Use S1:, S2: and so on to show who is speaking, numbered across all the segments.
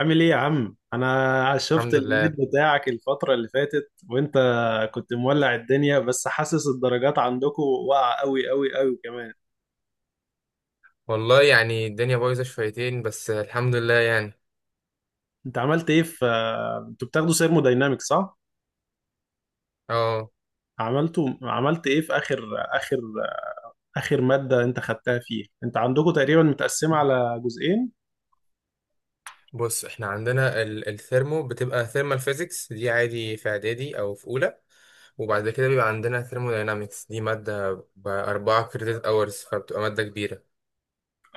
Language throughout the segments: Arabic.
S1: عامل ايه يا عم؟ انا شفت
S2: الحمد لله.
S1: النت بتاعك الفترة اللي فاتت وانت كنت مولع الدنيا، بس حاسس الدرجات عندكم واقعة قوي قوي قوي كمان.
S2: والله يعني الدنيا بايظة شويتين بس الحمد لله يعني.
S1: انت عملت ايه في انتوا بتاخدوا سيرموداينامكس صح؟
S2: اه
S1: عملت ايه في اخر اخر مادة انت خدتها فيها؟ انت عندكم تقريبا متقسمة على جزئين.
S2: بص احنا عندنا الثيرمو بتبقى ثيرمال فيزيكس دي عادي في اعدادي او في اولى، وبعد كده بيبقى عندنا ثيرموداينامكس دي مادة بأربعة كريدت اورز، فبتبقى مادة كبيرة.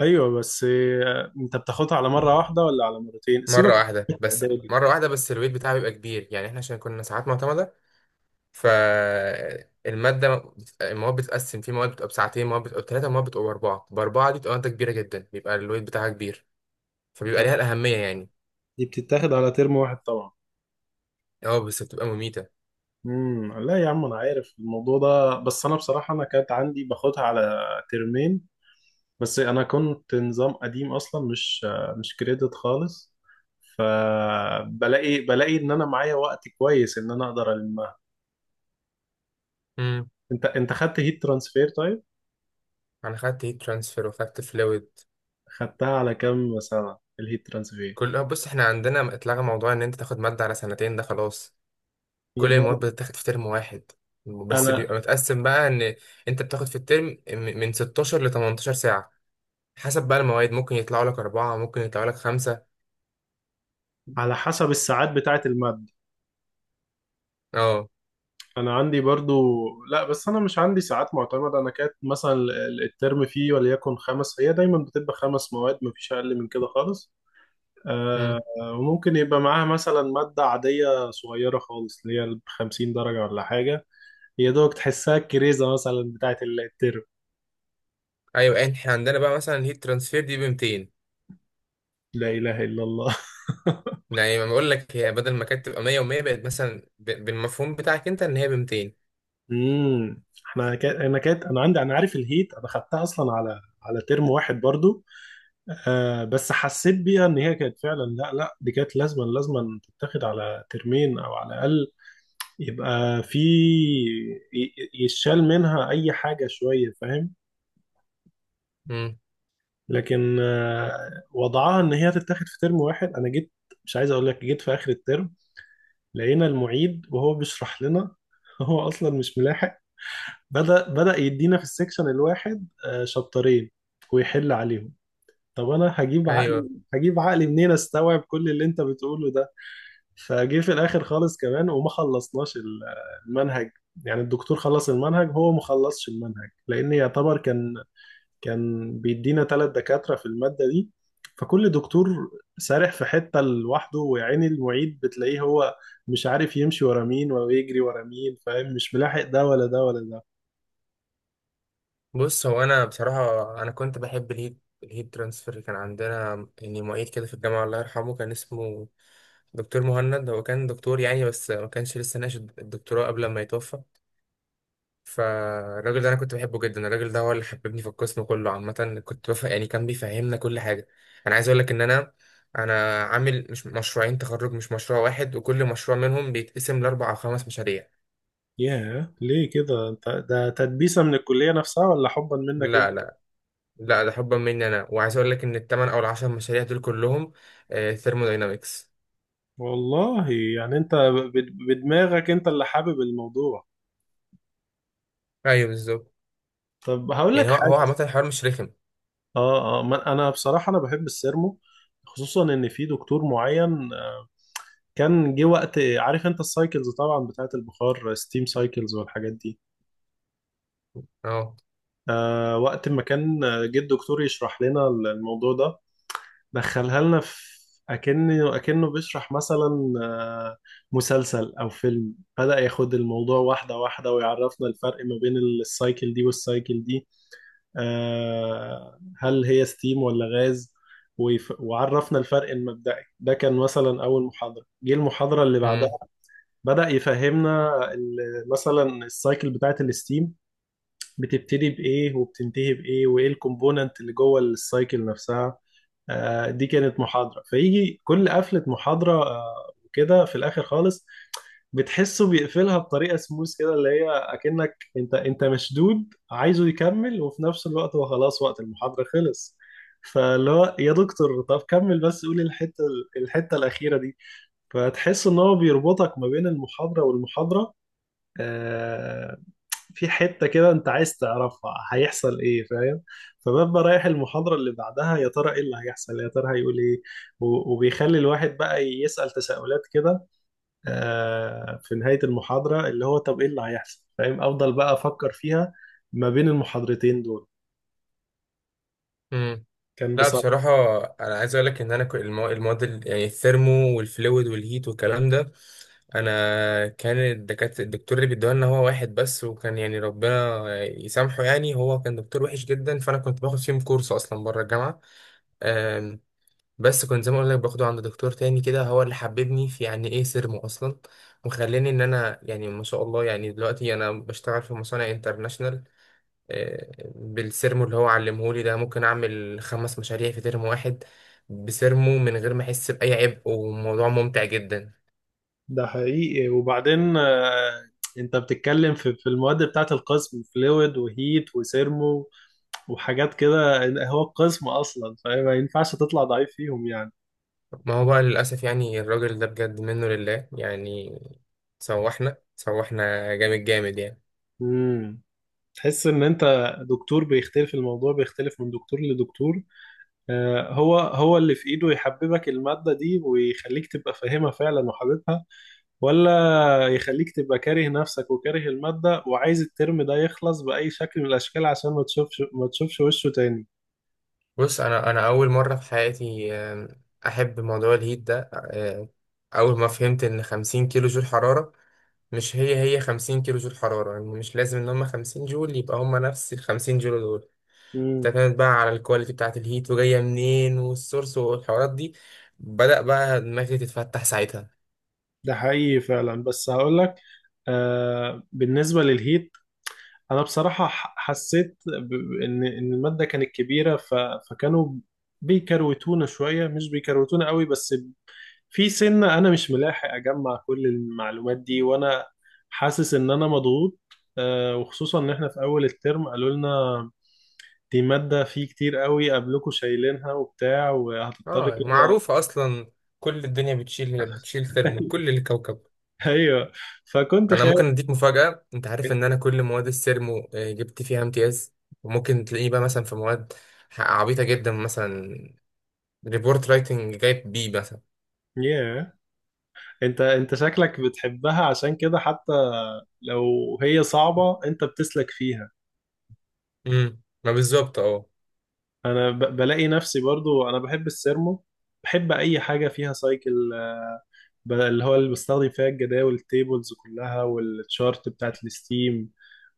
S1: ايوه، بس انت بتاخدها على مرة واحدة ولا على مرتين؟
S2: مرة
S1: سيبك
S2: واحدة
S1: من
S2: بس
S1: الإعدادي.
S2: مرة واحدة بس الويت بتاعها بيبقى كبير، يعني احنا عشان كنا ساعات معتمدة. فالمادة المواد بتتقسم، في مواد بتبقى بساعتين، مواد بتبقى بثلاثة، مواد بتبقى بأربعة. بأربعة دي بتبقى مادة كبيرة جدا، بيبقى الويت بتاعها كبير، فبيبقى
S1: طب
S2: ليها الأهمية يعني.
S1: دي بتتاخد على ترم واحد طبعا.
S2: اه بس بتبقى مميتة.
S1: لا يا عم، انا عارف الموضوع ده، بس انا بصراحه انا كانت عندي باخدها على ترمين. بس انا كنت نظام قديم اصلا، مش كريدت خالص. فبلاقي ان انا معايا وقت كويس ان انا اقدر المها.
S2: امم.
S1: انت خدت هيت ترانسفير طيب؟
S2: انا خدت هيت ترانسفير وخدت فلويد.
S1: خدتها على كام سنه الهيت ترانسفير؟
S2: كل بص احنا عندنا اتلغى موضوع ان انت تاخد مادة على سنتين، ده خلاص.
S1: هي
S2: كل المواد
S1: جامدة.
S2: بتتاخد في ترم واحد، بس
S1: انا
S2: بيبقى متقسم بقى ان انت بتاخد في الترم من 16 ل 18 ساعة، حسب بقى المواد. ممكن يطلعوا لك أربعة، ممكن يطلعوا لك خمسة.
S1: على حسب الساعات بتاعه الماده.
S2: اه.
S1: انا عندي برضو، لا، بس انا مش عندي ساعات معتمده. انا كانت مثلا الترم فيه وليكن خمس، هي دايما بتبقى خمس مواد، مفيش اقل من كده خالص. آه.
S2: امم.
S1: وممكن يبقى معاها مثلا ماده عاديه صغيره خالص اللي هي ب 50 درجه ولا حاجه، يا دوبك تحسها الكريزه مثلا بتاعه الترم.
S2: ايوه احنا عندنا بقى مثلا الهيت ترانسفير دي ب 200،
S1: لا اله الا الله.
S2: يعني ما بقول لك، هي بدل ما كانت تبقى 100 و100، بقت مثلا بالمفهوم بتاعك انت ان هي ب 200.
S1: انا كانت انا عندي، انا عارف الهيت، انا خدتها اصلا على ترم واحد برضو. آه، بس حسيت بيها ان هي كانت فعلا، لا لا دي كانت لازما تتاخد على ترمين او على الاقل يبقى في يشال منها اي حاجه شويه، فاهم؟
S2: امم.
S1: لكن آه، وضعها ان هي تتاخد في ترم واحد. انا جيت، مش عايز اقول لك، جيت في اخر الترم لقينا المعيد وهو بيشرح لنا. هو اصلا مش ملاحق. بدأ يدينا في السكشن الواحد آه شابترين ويحل عليهم. طب انا هجيب عقلي؟
S2: ايوه
S1: هجيب عقلي منين استوعب كل اللي انت بتقوله ده؟ فجه في الاخر خالص كمان وما خلصناش المنهج. يعني الدكتور خلص المنهج، هو ما خلصش المنهج لان يعتبر كان بيدينا ثلاث دكاترة في المادة دي، فكل دكتور سارح في حتة لوحده، ويعني المعيد بتلاقيه هو مش عارف يمشي ورا مين ويجري ورا مين، فاهم؟ مش ملاحق ده ولا ده ولا ده.
S2: بص هو انا بصراحه انا كنت بحب الهيد ترانسفير. كان عندنا يعني معيد كده في الجامعه، الله يرحمه، كان اسمه دكتور مهند. هو كان دكتور يعني بس ما كانش لسه ناقش الدكتوراه قبل ما يتوفى. فالراجل ده انا كنت بحبه جدا. الراجل ده هو اللي حببني في القسم كله عامه، كنت بفهم يعني، كان بيفهمنا كل حاجه. انا عايز اقول لك ان انا عامل مش مشروعين تخرج، مش مشروع واحد، وكل مشروع منهم بيتقسم لاربع او خمس مشاريع.
S1: ياه، ليه كده؟ انت ده تدبيسة من الكلية نفسها ولا حبا منك
S2: لا
S1: انت؟
S2: لا لا ده حبا مني انا، وعايز اقول لك ان الثمان او العشر مشاريع دول كلهم ثيرموداينامكس.
S1: والله يعني انت بدماغك انت اللي حابب الموضوع.
S2: ايوه بالظبط.
S1: طب هقول
S2: يعني
S1: لك
S2: هو
S1: حاجة.
S2: عامه الحوار مش رخم.
S1: اه اه، انا بصراحه انا بحب السيرمو، خصوصا ان في دكتور معين آه، كان جه وقت، عارف انت السايكلز طبعا بتاعت البخار، ستيم سايكلز والحاجات دي.
S2: اه.
S1: آه، وقت ما كان آه، جه الدكتور يشرح لنا الموضوع ده، دخلها لنا في اكنه بيشرح مثلا آه، مسلسل او فيلم. بدأ ياخد الموضوع واحده واحده ويعرفنا الفرق ما بين السايكل دي والسايكل دي، آه، هل هي ستيم ولا غاز. وعرفنا الفرق المبدئي ده، كان مثلا اول محاضره. جه المحاضره اللي بعدها
S2: امم.
S1: بدا يفهمنا مثلا السايكل بتاعه الستيم، بتبتدي بايه وبتنتهي بايه وايه الكومبوننت اللي جوه السايكل نفسها. آه، دي كانت محاضره فيجي. كل قفله محاضره آه، وكده في الاخر خالص، بتحسه بيقفلها بطريقه سموث كده، اللي هي اكنك انت مشدود عايزه يكمل، وفي نفس الوقت هو خلاص وقت المحاضره خلص. فاللي هو يا دكتور طب كمل بس، قول الحته الاخيره دي. فتحس ان هو بيربطك ما بين المحاضره والمحاضره، آه، في حته كده انت عايز تعرفها هيحصل ايه، فاهم؟ فببقى رايح المحاضره اللي بعدها، يا ترى ايه اللي هيحصل، يا ترى هيقول ايه. وبيخلي الواحد بقى يسال تساؤلات كده آه، في نهاية المحاضرة، اللي هو طب ايه اللي هيحصل، فاهم؟ افضل بقى افكر فيها ما بين المحاضرتين دول.
S2: امم
S1: كان
S2: لا
S1: بصراحة،
S2: بصراحه. انا عايز اقول لك ان المواد يعني الثيرمو والفلويد والهيت والكلام ده، انا كان الدكتور اللي بيدوها لنا هو واحد بس، وكان يعني ربنا يسامحه يعني، هو كان دكتور وحش جدا. فانا كنت باخد فيهم كورس اصلا بره الجامعه، بس كنت زي ما اقول لك باخده عند دكتور تاني كده، هو اللي حببني في يعني ايه سيرمو اصلا، وخلاني ان انا يعني ما شاء الله يعني دلوقتي انا بشتغل في مصانع انترناشنال بالسيرمو اللي هو علمهولي ده. ممكن اعمل خمس مشاريع في ترم واحد بسيرمو من غير ما احس باي عبء، وموضوع ممتع جدا.
S1: ده حقيقي. وبعدين آه، انت بتتكلم في المواد بتاعت القسم، فلويد وهيت وسيرمو وحاجات كده. هو القسم اصلا فاهم ما ينفعش تطلع ضعيف فيهم يعني.
S2: ما هو بقى للاسف يعني الراجل ده بجد منه لله يعني، سوحنا جامد يعني.
S1: امم، تحس ان انت، دكتور بيختلف، الموضوع بيختلف من دكتور لدكتور. آه، هو هو اللي في ايده يحببك المادة دي ويخليك تبقى فاهمها فعلا وحاببها، ولا يخليك تبقى كاره نفسك وكاره المادة وعايز الترم ده يخلص بأي شكل من الأشكال عشان ما تشوفش وشه تاني.
S2: بص انا اول مره في حياتي احب موضوع الهيت ده. اول ما فهمت ان 50 كيلو جول حراره مش هي 50 كيلو جول حراره، يعني مش لازم ان هم 50 جول يبقى هم نفس ال 50 جول دول.
S1: امم.
S2: اعتمد بقى على الكواليتي بتاعه الهيت وجايه منين والسورس والحوارات دي. بدأ بقى دماغي تتفتح ساعتها.
S1: ده حقيقي فعلا. بس هقولك آه، بالنسبة للهيت، أنا بصراحة حسيت إن المادة كانت كبيرة، ف... فكانوا بيكروتونا شوية، مش بيكروتونا قوي، بس في سنة أنا مش ملاحق أجمع كل المعلومات دي، وأنا حاسس إن أنا مضغوط. آه، وخصوصا إن إحنا في أول الترم قالوا لنا دي مادة في كتير قوي قبلكوا شايلينها وبتاع، وهتضطر
S2: اه
S1: كده.
S2: معروفه اصلا، كل الدنيا بتشيل ثرمو، كل الكوكب.
S1: ايوه، فكنت
S2: انا ممكن
S1: خايف.
S2: اديك مفاجأة، انت عارف ان انا كل مواد السيرمو جبت فيها امتياز؟ وممكن تلاقيه بقى مثلا في مواد عبيطة جدا، مثلا ريبورت رايتنج جايب بي مثلا.
S1: ياه، انت شكلك بتحبها عشان كده، حتى لو هي صعبة انت بتسلك فيها.
S2: ما بالظبط. اه
S1: انا بلاقي نفسي برضو انا بحب السيرمو، بحب اي حاجة فيها سايكل، اللي هو اللي بستخدم فيها الجداول التيبلز كلها والتشارت بتاعت الستيم.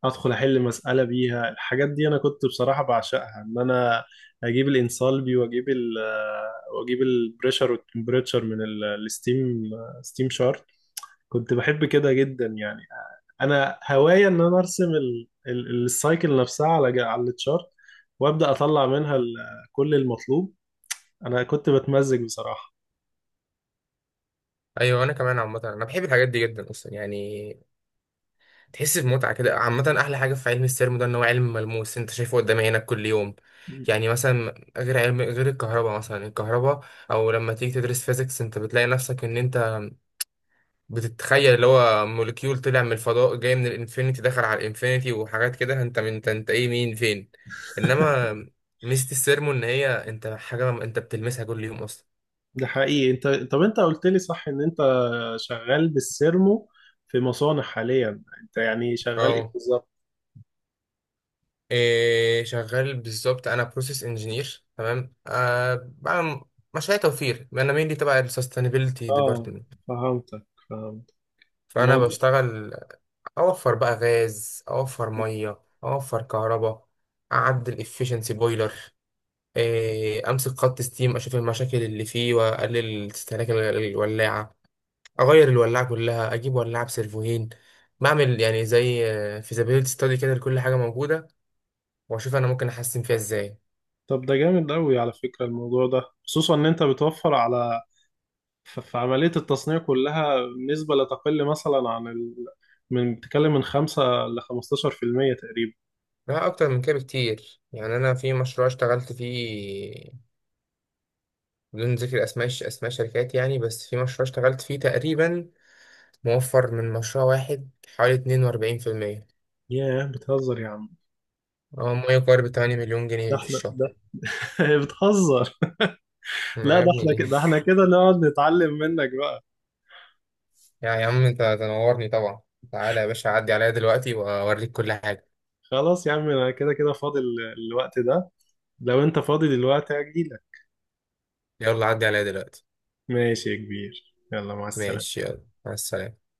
S1: ادخل احل مسألة بيها الحاجات دي، انا كنت بصراحة بعشقها، ان انا اجيب الانسالبي واجيب ال آه، واجيب البريشر والتمبريتشر من الستيم، ستيم شارت. كنت بحب كده جدا يعني. انا هواية ان انا ارسم السايكل نفسها على على التشارت وابدا اطلع منها كل المطلوب. انا كنت بتمزج بصراحة.
S2: ايوه انا كمان عامة انا بحب الحاجات دي جدا اصلا يعني، تحس بمتعة كده. عامة احلى حاجة في علم السيرمو ده ان هو علم ملموس، انت شايفه قدام عينك كل يوم. يعني مثلا غير علم غير الكهرباء، مثلا الكهرباء او لما تيجي تدرس فيزيكس انت بتلاقي نفسك ان انت بتتخيل اللي هو موليكيول طلع من الفضاء، جاي من الانفينيتي، دخل على الانفينيتي، وحاجات كده، انت من انت, انت ايه، مين، فين. انما ميزة السيرمو ان هي انت حاجة انت بتلمسها كل يوم اصلا.
S1: ده حقيقي. انت طب انت قلت لي صح ان انت شغال بالسيرمو في مصانع حاليا، انت يعني شغال ايه
S2: اه.
S1: بالظبط؟
S2: إيه شغال بالظبط. انا بروسيس انجينير، تمام، أه بعمل مشاريع توفير. انا مين دي تبع السستينابيلتي
S1: اه،
S2: ديبارتمنت.
S1: فهمتك، فهمت
S2: فانا
S1: الموضوع.
S2: بشتغل اوفر بقى غاز، اوفر ميه، اوفر كهرباء، اعدل efficiency بويلر، امسك خط ستيم اشوف المشاكل اللي فيه واقلل استهلاك الولاعه، اغير الولاعه كلها، اجيب ولاعه بسيرفوهين، بعمل يعني زي فيزابيلتي ستادي كده لكل حاجه موجوده، واشوف انا ممكن احسن فيها ازاي.
S1: طب ده جامد قوي على فكرة الموضوع ده، خصوصا ان انت بتوفر على في عملية التصنيع كلها نسبة لا تقل مثلا عن ال... من بتتكلم من 5 ل 15% تقريبا.
S2: لا اكتر من كده بكتير. يعني انا في مشروع اشتغلت فيه، بدون ذكر اسماء اسماء شركات يعني، بس في مشروع اشتغلت فيه تقريبا موفر من مشروع واحد حوالي 42%،
S1: ياه، بتهزر يا عم.
S2: او ما يقارب 8 مليون
S1: ده
S2: جنيه في
S1: احنا
S2: الشهر.
S1: ده بتهزر.
S2: ما
S1: لا،
S2: يا
S1: ده احنا
S2: ابني.
S1: كده، ده احنا كده نقعد نتعلم منك.
S2: يا عم انت تنورني طبعا. تعالى يا باشا عدي عليا دلوقتي واوريك كل حاجة.
S1: خلاص يا عم، انا كده كده فاضي الوقت ده، لو انت فاضي دلوقتي هجيلك.
S2: يلا عدي عليا دلوقتي.
S1: ماشي يا كبير، يلا مع السلامة.
S2: ماشي يلا مع السلامة.